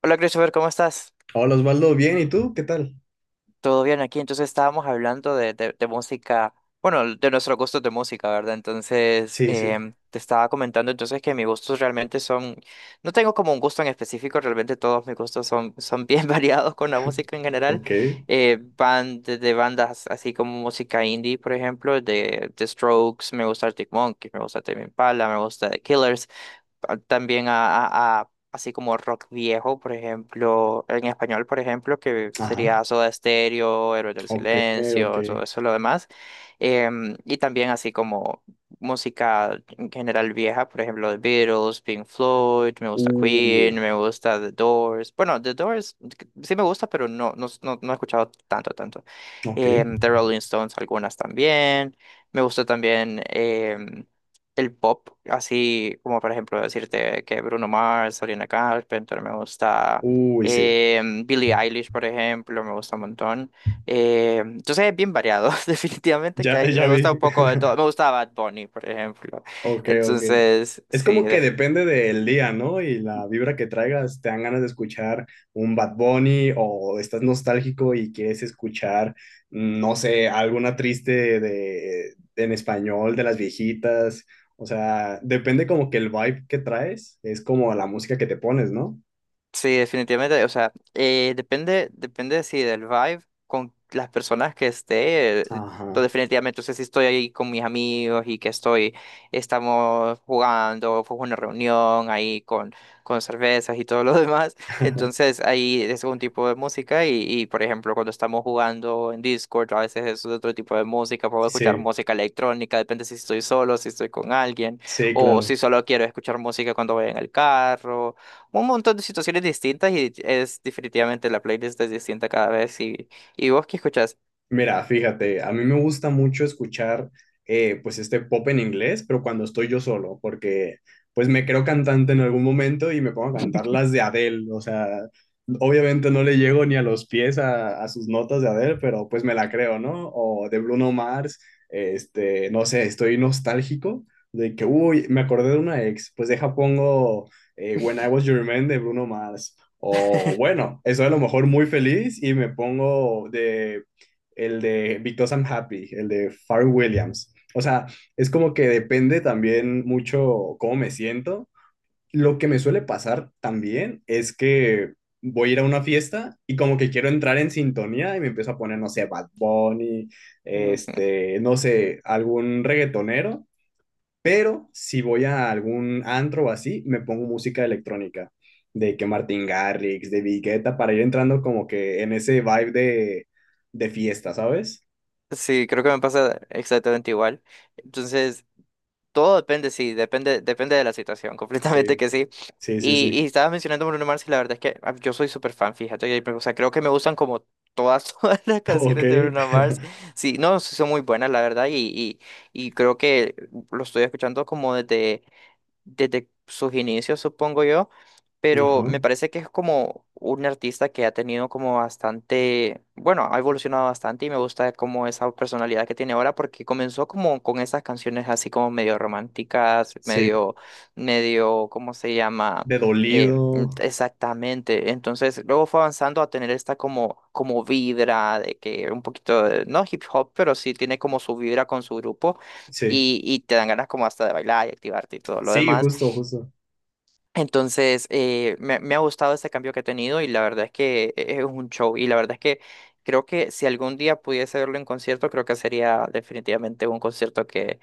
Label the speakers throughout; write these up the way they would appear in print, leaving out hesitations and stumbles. Speaker 1: Hola Christopher, ¿cómo estás?
Speaker 2: Hola Osvaldo, bien, ¿y tú? ¿Qué tal?
Speaker 1: ¿Todo bien aquí? Entonces estábamos hablando de música, bueno, de nuestros gustos de música, ¿verdad? Entonces
Speaker 2: Sí, sí,
Speaker 1: te estaba comentando entonces que mis gustos realmente son, no tengo como un gusto en específico, realmente todos mis gustos son bien variados con la música en general.
Speaker 2: ok,
Speaker 1: Van desde bandas así como música indie, por ejemplo, de Strokes, me gusta Arctic Monkeys, me gusta Tame Impala, me gusta The Killers también así como rock viejo, por ejemplo, en español, por ejemplo, que
Speaker 2: ajá,
Speaker 1: sería Soda Stereo, Héroes del
Speaker 2: ok, ok,
Speaker 1: Silencio, todo eso, lo demás. Y también así como música en general vieja, por ejemplo, The Beatles, Pink Floyd, me gusta Queen,
Speaker 2: uy,
Speaker 1: me gusta The Doors. Bueno, The Doors sí me gusta, pero no, no, no, no he escuchado tanto, tanto.
Speaker 2: ok,
Speaker 1: The Rolling Stones, algunas también. Me gusta también. El pop, así como por ejemplo decirte que Bruno Mars, Sabrina Carpenter, me gusta
Speaker 2: uy, sí,
Speaker 1: Billie Eilish, por ejemplo, me gusta un montón. Entonces es bien variado, definitivamente que
Speaker 2: ya, ya
Speaker 1: me
Speaker 2: vi,
Speaker 1: gusta un poco de todo. Me gusta Bad Bunny, por ejemplo.
Speaker 2: ok, ok.
Speaker 1: Entonces,
Speaker 2: Es
Speaker 1: sí,
Speaker 2: como que depende del día, ¿no? Y la vibra que traigas, te dan ganas de escuchar un Bad Bunny o estás nostálgico y quieres escuchar, mm, no sé, alguna triste de, en español de las viejitas, o sea, depende como que el vibe que traes, es como la música que te pones, ¿no?
Speaker 1: sí, definitivamente, o sea, depende, depende, sí, del vibe con las personas que esté, pues,
Speaker 2: Ajá.
Speaker 1: definitivamente, o sea, si estoy ahí con mis amigos y que estamos jugando, fue una reunión ahí con cervezas y todo lo demás, entonces ahí es un tipo de música por ejemplo, cuando estamos jugando en Discord, a veces es otro tipo de música, puedo escuchar
Speaker 2: Sí,
Speaker 1: música electrónica, depende si estoy solo, si estoy con alguien,
Speaker 2: sí,
Speaker 1: o si
Speaker 2: claro.
Speaker 1: solo quiero escuchar música cuando voy en el carro un montón de situaciones distintas y es definitivamente la playlist es distinta cada vez y vos que escuchás.
Speaker 2: Mira, fíjate, a mí me gusta mucho escuchar pues este pop en inglés, pero cuando estoy yo solo, porque pues me creo cantante en algún momento y me pongo a cantar las de Adele, o sea, obviamente no le llego ni a los pies a sus notas de Adele, pero pues me la creo, ¿no? O de Bruno Mars, este, no sé, estoy nostálgico de que, uy, me acordé de una ex, pues deja pongo When I Was Your Man de Bruno Mars. O bueno, estoy a lo mejor muy feliz y me pongo de el de Because I'm Happy, el de Pharrell Williams. O sea, es como que depende también mucho cómo me siento. Lo que me suele pasar también es que voy a ir a una fiesta y como que quiero entrar en sintonía y me empiezo a poner, no sé, Bad Bunny,
Speaker 1: Ujú.
Speaker 2: este, no sé, algún reggaetonero, pero si voy a algún antro o así, me pongo música electrónica, de que Martin Garrix, de Vigueta, para ir entrando como que en ese vibe de fiesta, ¿sabes?
Speaker 1: Sí, creo que me pasa exactamente igual. Entonces, todo depende, sí, depende de la situación, completamente
Speaker 2: Sí,
Speaker 1: que sí.
Speaker 2: sí, sí,
Speaker 1: Y
Speaker 2: sí.
Speaker 1: estabas mencionando Bruno Mars y la verdad es que yo soy súper fan, fíjate, y, o sea, creo que me gustan como todas, todas las
Speaker 2: Ok.
Speaker 1: canciones de Bruno Mars. Sí, no, sí son muy buenas, la verdad, y creo que lo estoy escuchando como desde sus inicios, supongo yo,
Speaker 2: Ajá.
Speaker 1: pero me parece que es como un artista que ha tenido como bastante, bueno, ha evolucionado bastante y me gusta como esa personalidad que tiene ahora porque comenzó como con esas canciones así como medio románticas,
Speaker 2: Sí.
Speaker 1: ¿cómo se llama?
Speaker 2: De dolido.
Speaker 1: Exactamente. Entonces, luego fue avanzando a tener esta como vibra de que un poquito, no hip hop, pero sí tiene como su vibra con su grupo
Speaker 2: Sí.
Speaker 1: y te dan ganas como hasta de bailar y activarte y todo lo
Speaker 2: Sí,
Speaker 1: demás.
Speaker 2: justo, justo.
Speaker 1: Entonces, me ha gustado este cambio que he tenido y la verdad es que es un show y la verdad es que creo que si algún día pudiese verlo en concierto, creo que sería definitivamente un concierto que,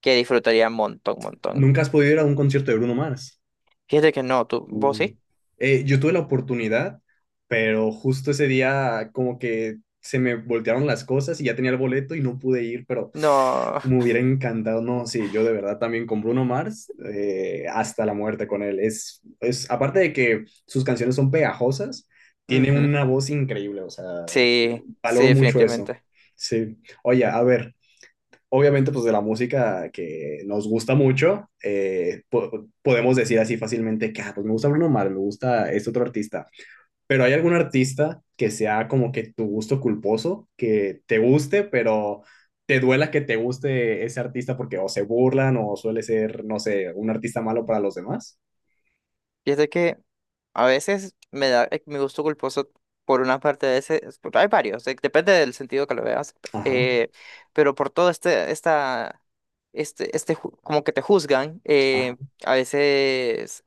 Speaker 1: que disfrutaría montón, montón.
Speaker 2: ¿Nunca has podido ir a un concierto de Bruno Mars?
Speaker 1: Fíjate que no, tú, vos
Speaker 2: Mm.
Speaker 1: sí.
Speaker 2: Yo tuve la oportunidad, pero justo ese día como que se me voltearon las cosas y ya tenía el boleto y no pude ir, pero
Speaker 1: No.
Speaker 2: me hubiera encantado. No, sí, yo de verdad también con Bruno Mars, hasta la muerte con él. Es, aparte de que sus canciones son pegajosas, tiene
Speaker 1: Ujú.
Speaker 2: una voz increíble, o sea,
Speaker 1: Sí, sí,
Speaker 2: valoro mucho eso.
Speaker 1: definitivamente.
Speaker 2: Sí. Oye, a ver, obviamente pues de la música que nos gusta mucho, podemos decir así fácilmente que, ah, pues me gusta Bruno Mars, me gusta este otro artista. Pero ¿hay algún artista que sea como que tu gusto culposo, que te guste, pero te duela que te guste ese artista porque o se burlan o suele ser, no sé, un artista malo para los demás?
Speaker 1: Fíjate que a veces me da mi gusto culposo por una parte de ese, hay varios, depende del sentido que lo veas,
Speaker 2: Ajá,
Speaker 1: eh, pero por todo este, esta, este, ju- como que te juzgan,
Speaker 2: ajá.
Speaker 1: a veces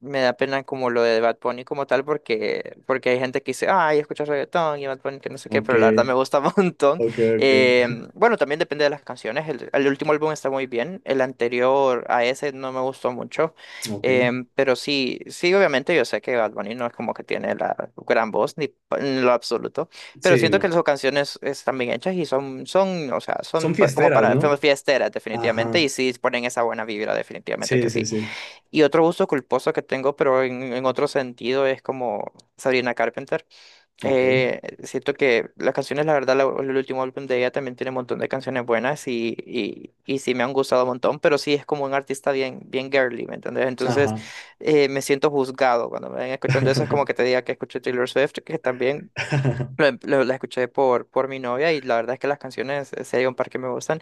Speaker 1: me da pena como lo de Bad Bunny como tal, porque hay gente que dice, ay, escuchas reggaetón y Bad Bunny que no sé qué,
Speaker 2: Ok,
Speaker 1: pero la verdad me gusta un montón.
Speaker 2: ok, ok,
Speaker 1: Eh, bueno, también depende de las canciones, el último álbum está muy bien, el anterior a ese no me gustó mucho.
Speaker 2: ok.
Speaker 1: Pero sí, sí, obviamente yo sé que Bad Bunny no es como que tiene la gran voz, ni en lo absoluto, pero
Speaker 2: Sí,
Speaker 1: siento que
Speaker 2: no.
Speaker 1: sus canciones están bien hechas y son, o sea,
Speaker 2: Son
Speaker 1: como
Speaker 2: fiesteras,
Speaker 1: para
Speaker 2: ¿no?
Speaker 1: fiesteras definitivamente
Speaker 2: Ajá.
Speaker 1: y sí ponen esa buena vibra definitivamente
Speaker 2: Sí,
Speaker 1: que
Speaker 2: sí,
Speaker 1: sí.
Speaker 2: sí.
Speaker 1: Y otro gusto culposo que tengo, pero en otro sentido, es como Sabrina Carpenter.
Speaker 2: Ok.
Speaker 1: Siento que las canciones, la verdad, el último álbum de ella también tiene un montón de canciones buenas y sí me han gustado un montón, pero sí es como un artista bien, bien girly, ¿me entendés? Entonces
Speaker 2: Ajá.
Speaker 1: me siento juzgado cuando me ven escuchando eso, es como que te diga que escuché Taylor Swift, que también la escuché por mi novia y la verdad es que las canciones, si un par que me gustan.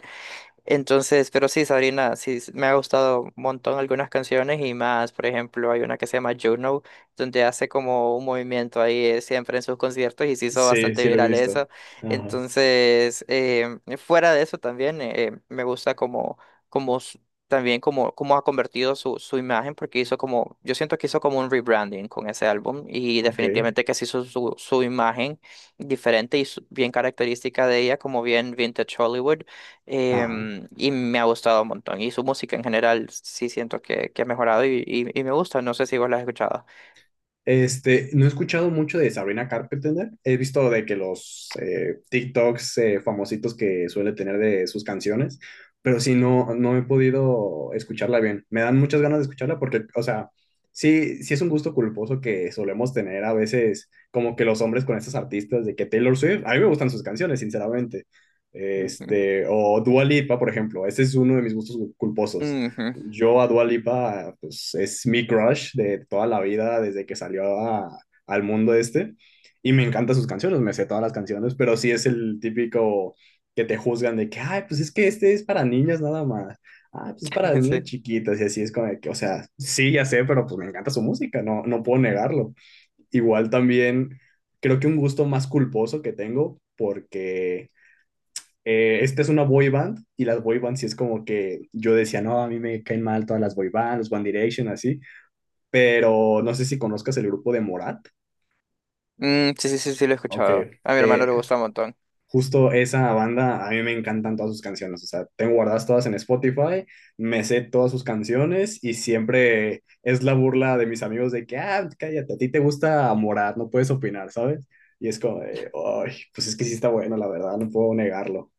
Speaker 1: Entonces, pero sí, Sabrina, sí, me ha gustado un montón algunas canciones y más, por ejemplo, hay una que se llama Juno, donde hace como un movimiento ahí siempre en sus conciertos y se hizo
Speaker 2: Sí,
Speaker 1: bastante
Speaker 2: sí lo he
Speaker 1: viral
Speaker 2: visto.
Speaker 1: eso.
Speaker 2: Ajá.
Speaker 1: Entonces, fuera de eso también, me gusta como s- también cómo ha convertido su imagen, porque hizo yo siento que hizo como un rebranding con ese álbum y
Speaker 2: Ok.
Speaker 1: definitivamente que se hizo su imagen diferente y bien característica de ella, como bien Vintage Hollywood.
Speaker 2: Ajá.
Speaker 1: Y me ha gustado un montón. Y su música en general sí siento que ha mejorado y me gusta. No sé si vos la has escuchado.
Speaker 2: Este, no he escuchado mucho de Sabrina Carpenter. He visto de que los TikToks famositos que suele tener de sus canciones, pero sí no, no he podido escucharla bien. Me dan muchas ganas de escucharla porque, o sea, sí, sí es un gusto culposo que solemos tener a veces como que los hombres con estos artistas de que Taylor Swift, a mí me gustan sus canciones, sinceramente.
Speaker 1: Ujú.
Speaker 2: Este, o Dua Lipa, por ejemplo, ese es uno de mis gustos culposos.
Speaker 1: Ujú.
Speaker 2: Yo a Dua Lipa, pues es mi crush de toda la vida, desde que salió al mundo este. Y me encantan sus canciones, me sé todas las canciones, pero sí es el típico que te juzgan de que, ay, pues es que este es para niñas nada más. Ah, pues es para
Speaker 1: Sí.
Speaker 2: niñas chiquitas y así es como de que, o sea, sí, ya sé, pero pues me encanta su música, no, no puedo negarlo. Igual también creo que un gusto más culposo que tengo, porque esta es una boy band y las boy bands sí es como que yo decía, no, a mí me caen mal todas las boy bands, los One Direction, así, pero no sé si conozcas el grupo de Morat,
Speaker 1: Sí, sí, sí, sí, lo he escuchado.
Speaker 2: aunque
Speaker 1: A mi hermano le gusta un montón.
Speaker 2: justo esa banda, a mí me encantan todas sus canciones, o sea, tengo guardadas todas en Spotify, me sé todas sus canciones y siempre es la burla de mis amigos de que, ah, cállate, a ti te gusta Morat, no puedes opinar, ¿sabes? Y es como, de, ay, pues es que sí está bueno, la verdad, no puedo negarlo.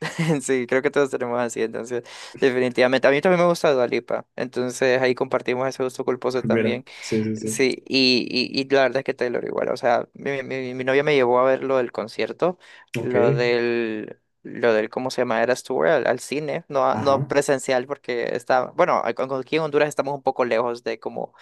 Speaker 1: Sí, creo que todos tenemos así, entonces, definitivamente. A mí también me gusta Dua Lipa, entonces ahí compartimos ese gusto culposo
Speaker 2: Mira,
Speaker 1: también.
Speaker 2: sí, sí, sí.
Speaker 1: Sí, y la verdad es que Taylor igual, o sea, mi novia me llevó a ver lo del concierto,
Speaker 2: Ok,
Speaker 1: ¿cómo se llama? Eras Tour al cine, no, no
Speaker 2: ajá.
Speaker 1: presencial porque está, bueno, aquí en Honduras estamos un poco lejos de como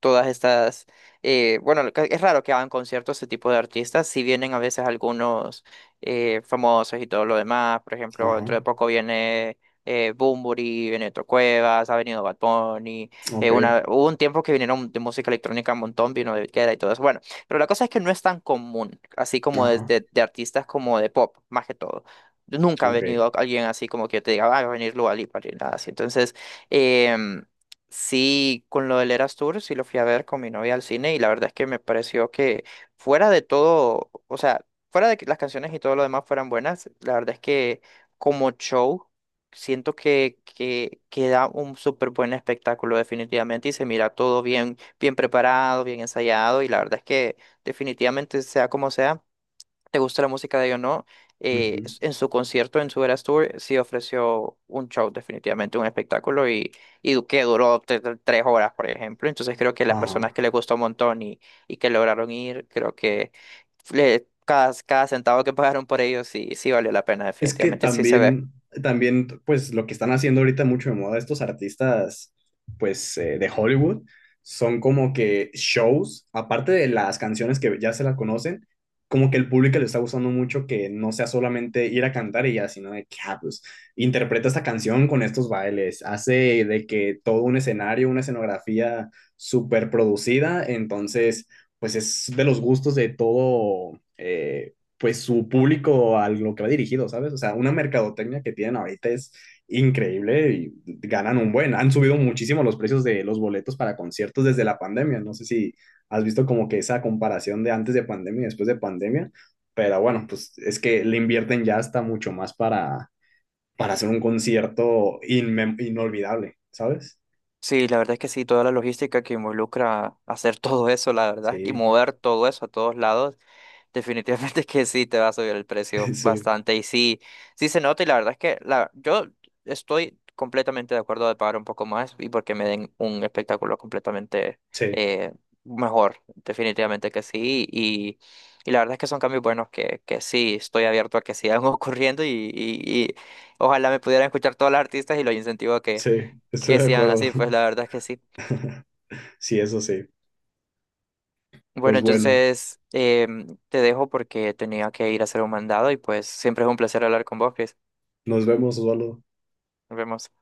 Speaker 1: todas estas, bueno, lo es raro que hagan conciertos este tipo de artistas, si vienen a veces algunos famosos y todo lo demás, por ejemplo, dentro de
Speaker 2: Ajá,
Speaker 1: poco viene Bunbury, Benito Cuevas, ha venido Bad Bunny,
Speaker 2: ok,
Speaker 1: hubo un tiempo que vinieron de música electrónica un montón, vino de Queda y todo eso, bueno, pero la cosa es que no es tan común, así como de,
Speaker 2: ajá,
Speaker 1: de, de artistas como de pop, más que todo. Nunca ha
Speaker 2: ok,
Speaker 1: venido alguien así como que yo te diga, "Ah, va a venir Dua Lipa", ni nada así. Entonces, em, sí, con lo del Eras Tour, sí lo fui a ver con mi novia al cine y la verdad es que me pareció que fuera de todo, o sea, fuera de que las canciones y todo lo demás fueran buenas, la verdad es que como show siento que da un súper buen espectáculo definitivamente y se mira todo bien, bien preparado, bien ensayado y la verdad es que definitivamente sea como sea te gusta la música de ellos o no,
Speaker 2: ujú,
Speaker 1: en su concierto, en su Eras Tour, sí ofreció un show, definitivamente un espectáculo y que duró tres horas, por ejemplo. Entonces creo que las personas
Speaker 2: ajá.
Speaker 1: que les gustó un montón y que lograron ir, creo que cada centavo que pagaron por ellos sí, sí valió la pena,
Speaker 2: Es que
Speaker 1: definitivamente, sí se ve.
Speaker 2: también, también, pues lo que están haciendo ahorita mucho de moda estos artistas, pues de Hollywood, son como que shows, aparte de las canciones que ya se las conocen, como que el público le está gustando mucho que no sea solamente ir a cantar y ya, sino de que, ah, pues, interpreta esta canción con estos bailes, hace de que todo un escenario, una escenografía súper producida, entonces, pues es de los gustos de todo. Pues su público a lo que va dirigido, ¿sabes? O sea, una mercadotecnia que tienen ahorita es increíble y ganan un buen. Han subido muchísimo los precios de los boletos para conciertos desde la pandemia. No sé si has visto como que esa comparación de antes de pandemia y después de pandemia, pero bueno, pues es que le invierten ya hasta mucho más para hacer un concierto inolvidable, ¿sabes?
Speaker 1: Sí, la verdad es que sí, toda la logística que involucra hacer todo eso, la verdad, y
Speaker 2: Sí,
Speaker 1: mover todo eso a todos lados. Definitivamente que sí, te va a subir el precio
Speaker 2: sí,
Speaker 1: bastante y sí, sí se nota y la verdad es que yo estoy completamente de acuerdo de pagar un poco más y porque me den un espectáculo completamente
Speaker 2: sí,
Speaker 1: eh, mejor, definitivamente que sí y la verdad es que son cambios buenos que sí, estoy abierto a que sigan ocurriendo y ojalá me pudieran escuchar todos los artistas y los incentivo a que,
Speaker 2: sí, estoy
Speaker 1: que
Speaker 2: de
Speaker 1: sigan
Speaker 2: acuerdo.
Speaker 1: así, pues la verdad es que sí.
Speaker 2: Sí, eso sí.
Speaker 1: Bueno,
Speaker 2: Pues bueno,
Speaker 1: entonces te dejo porque tenía que ir a hacer un mandado y pues siempre es un placer hablar con vos, Chris.
Speaker 2: nos vemos, Osvaldo.
Speaker 1: Nos vemos.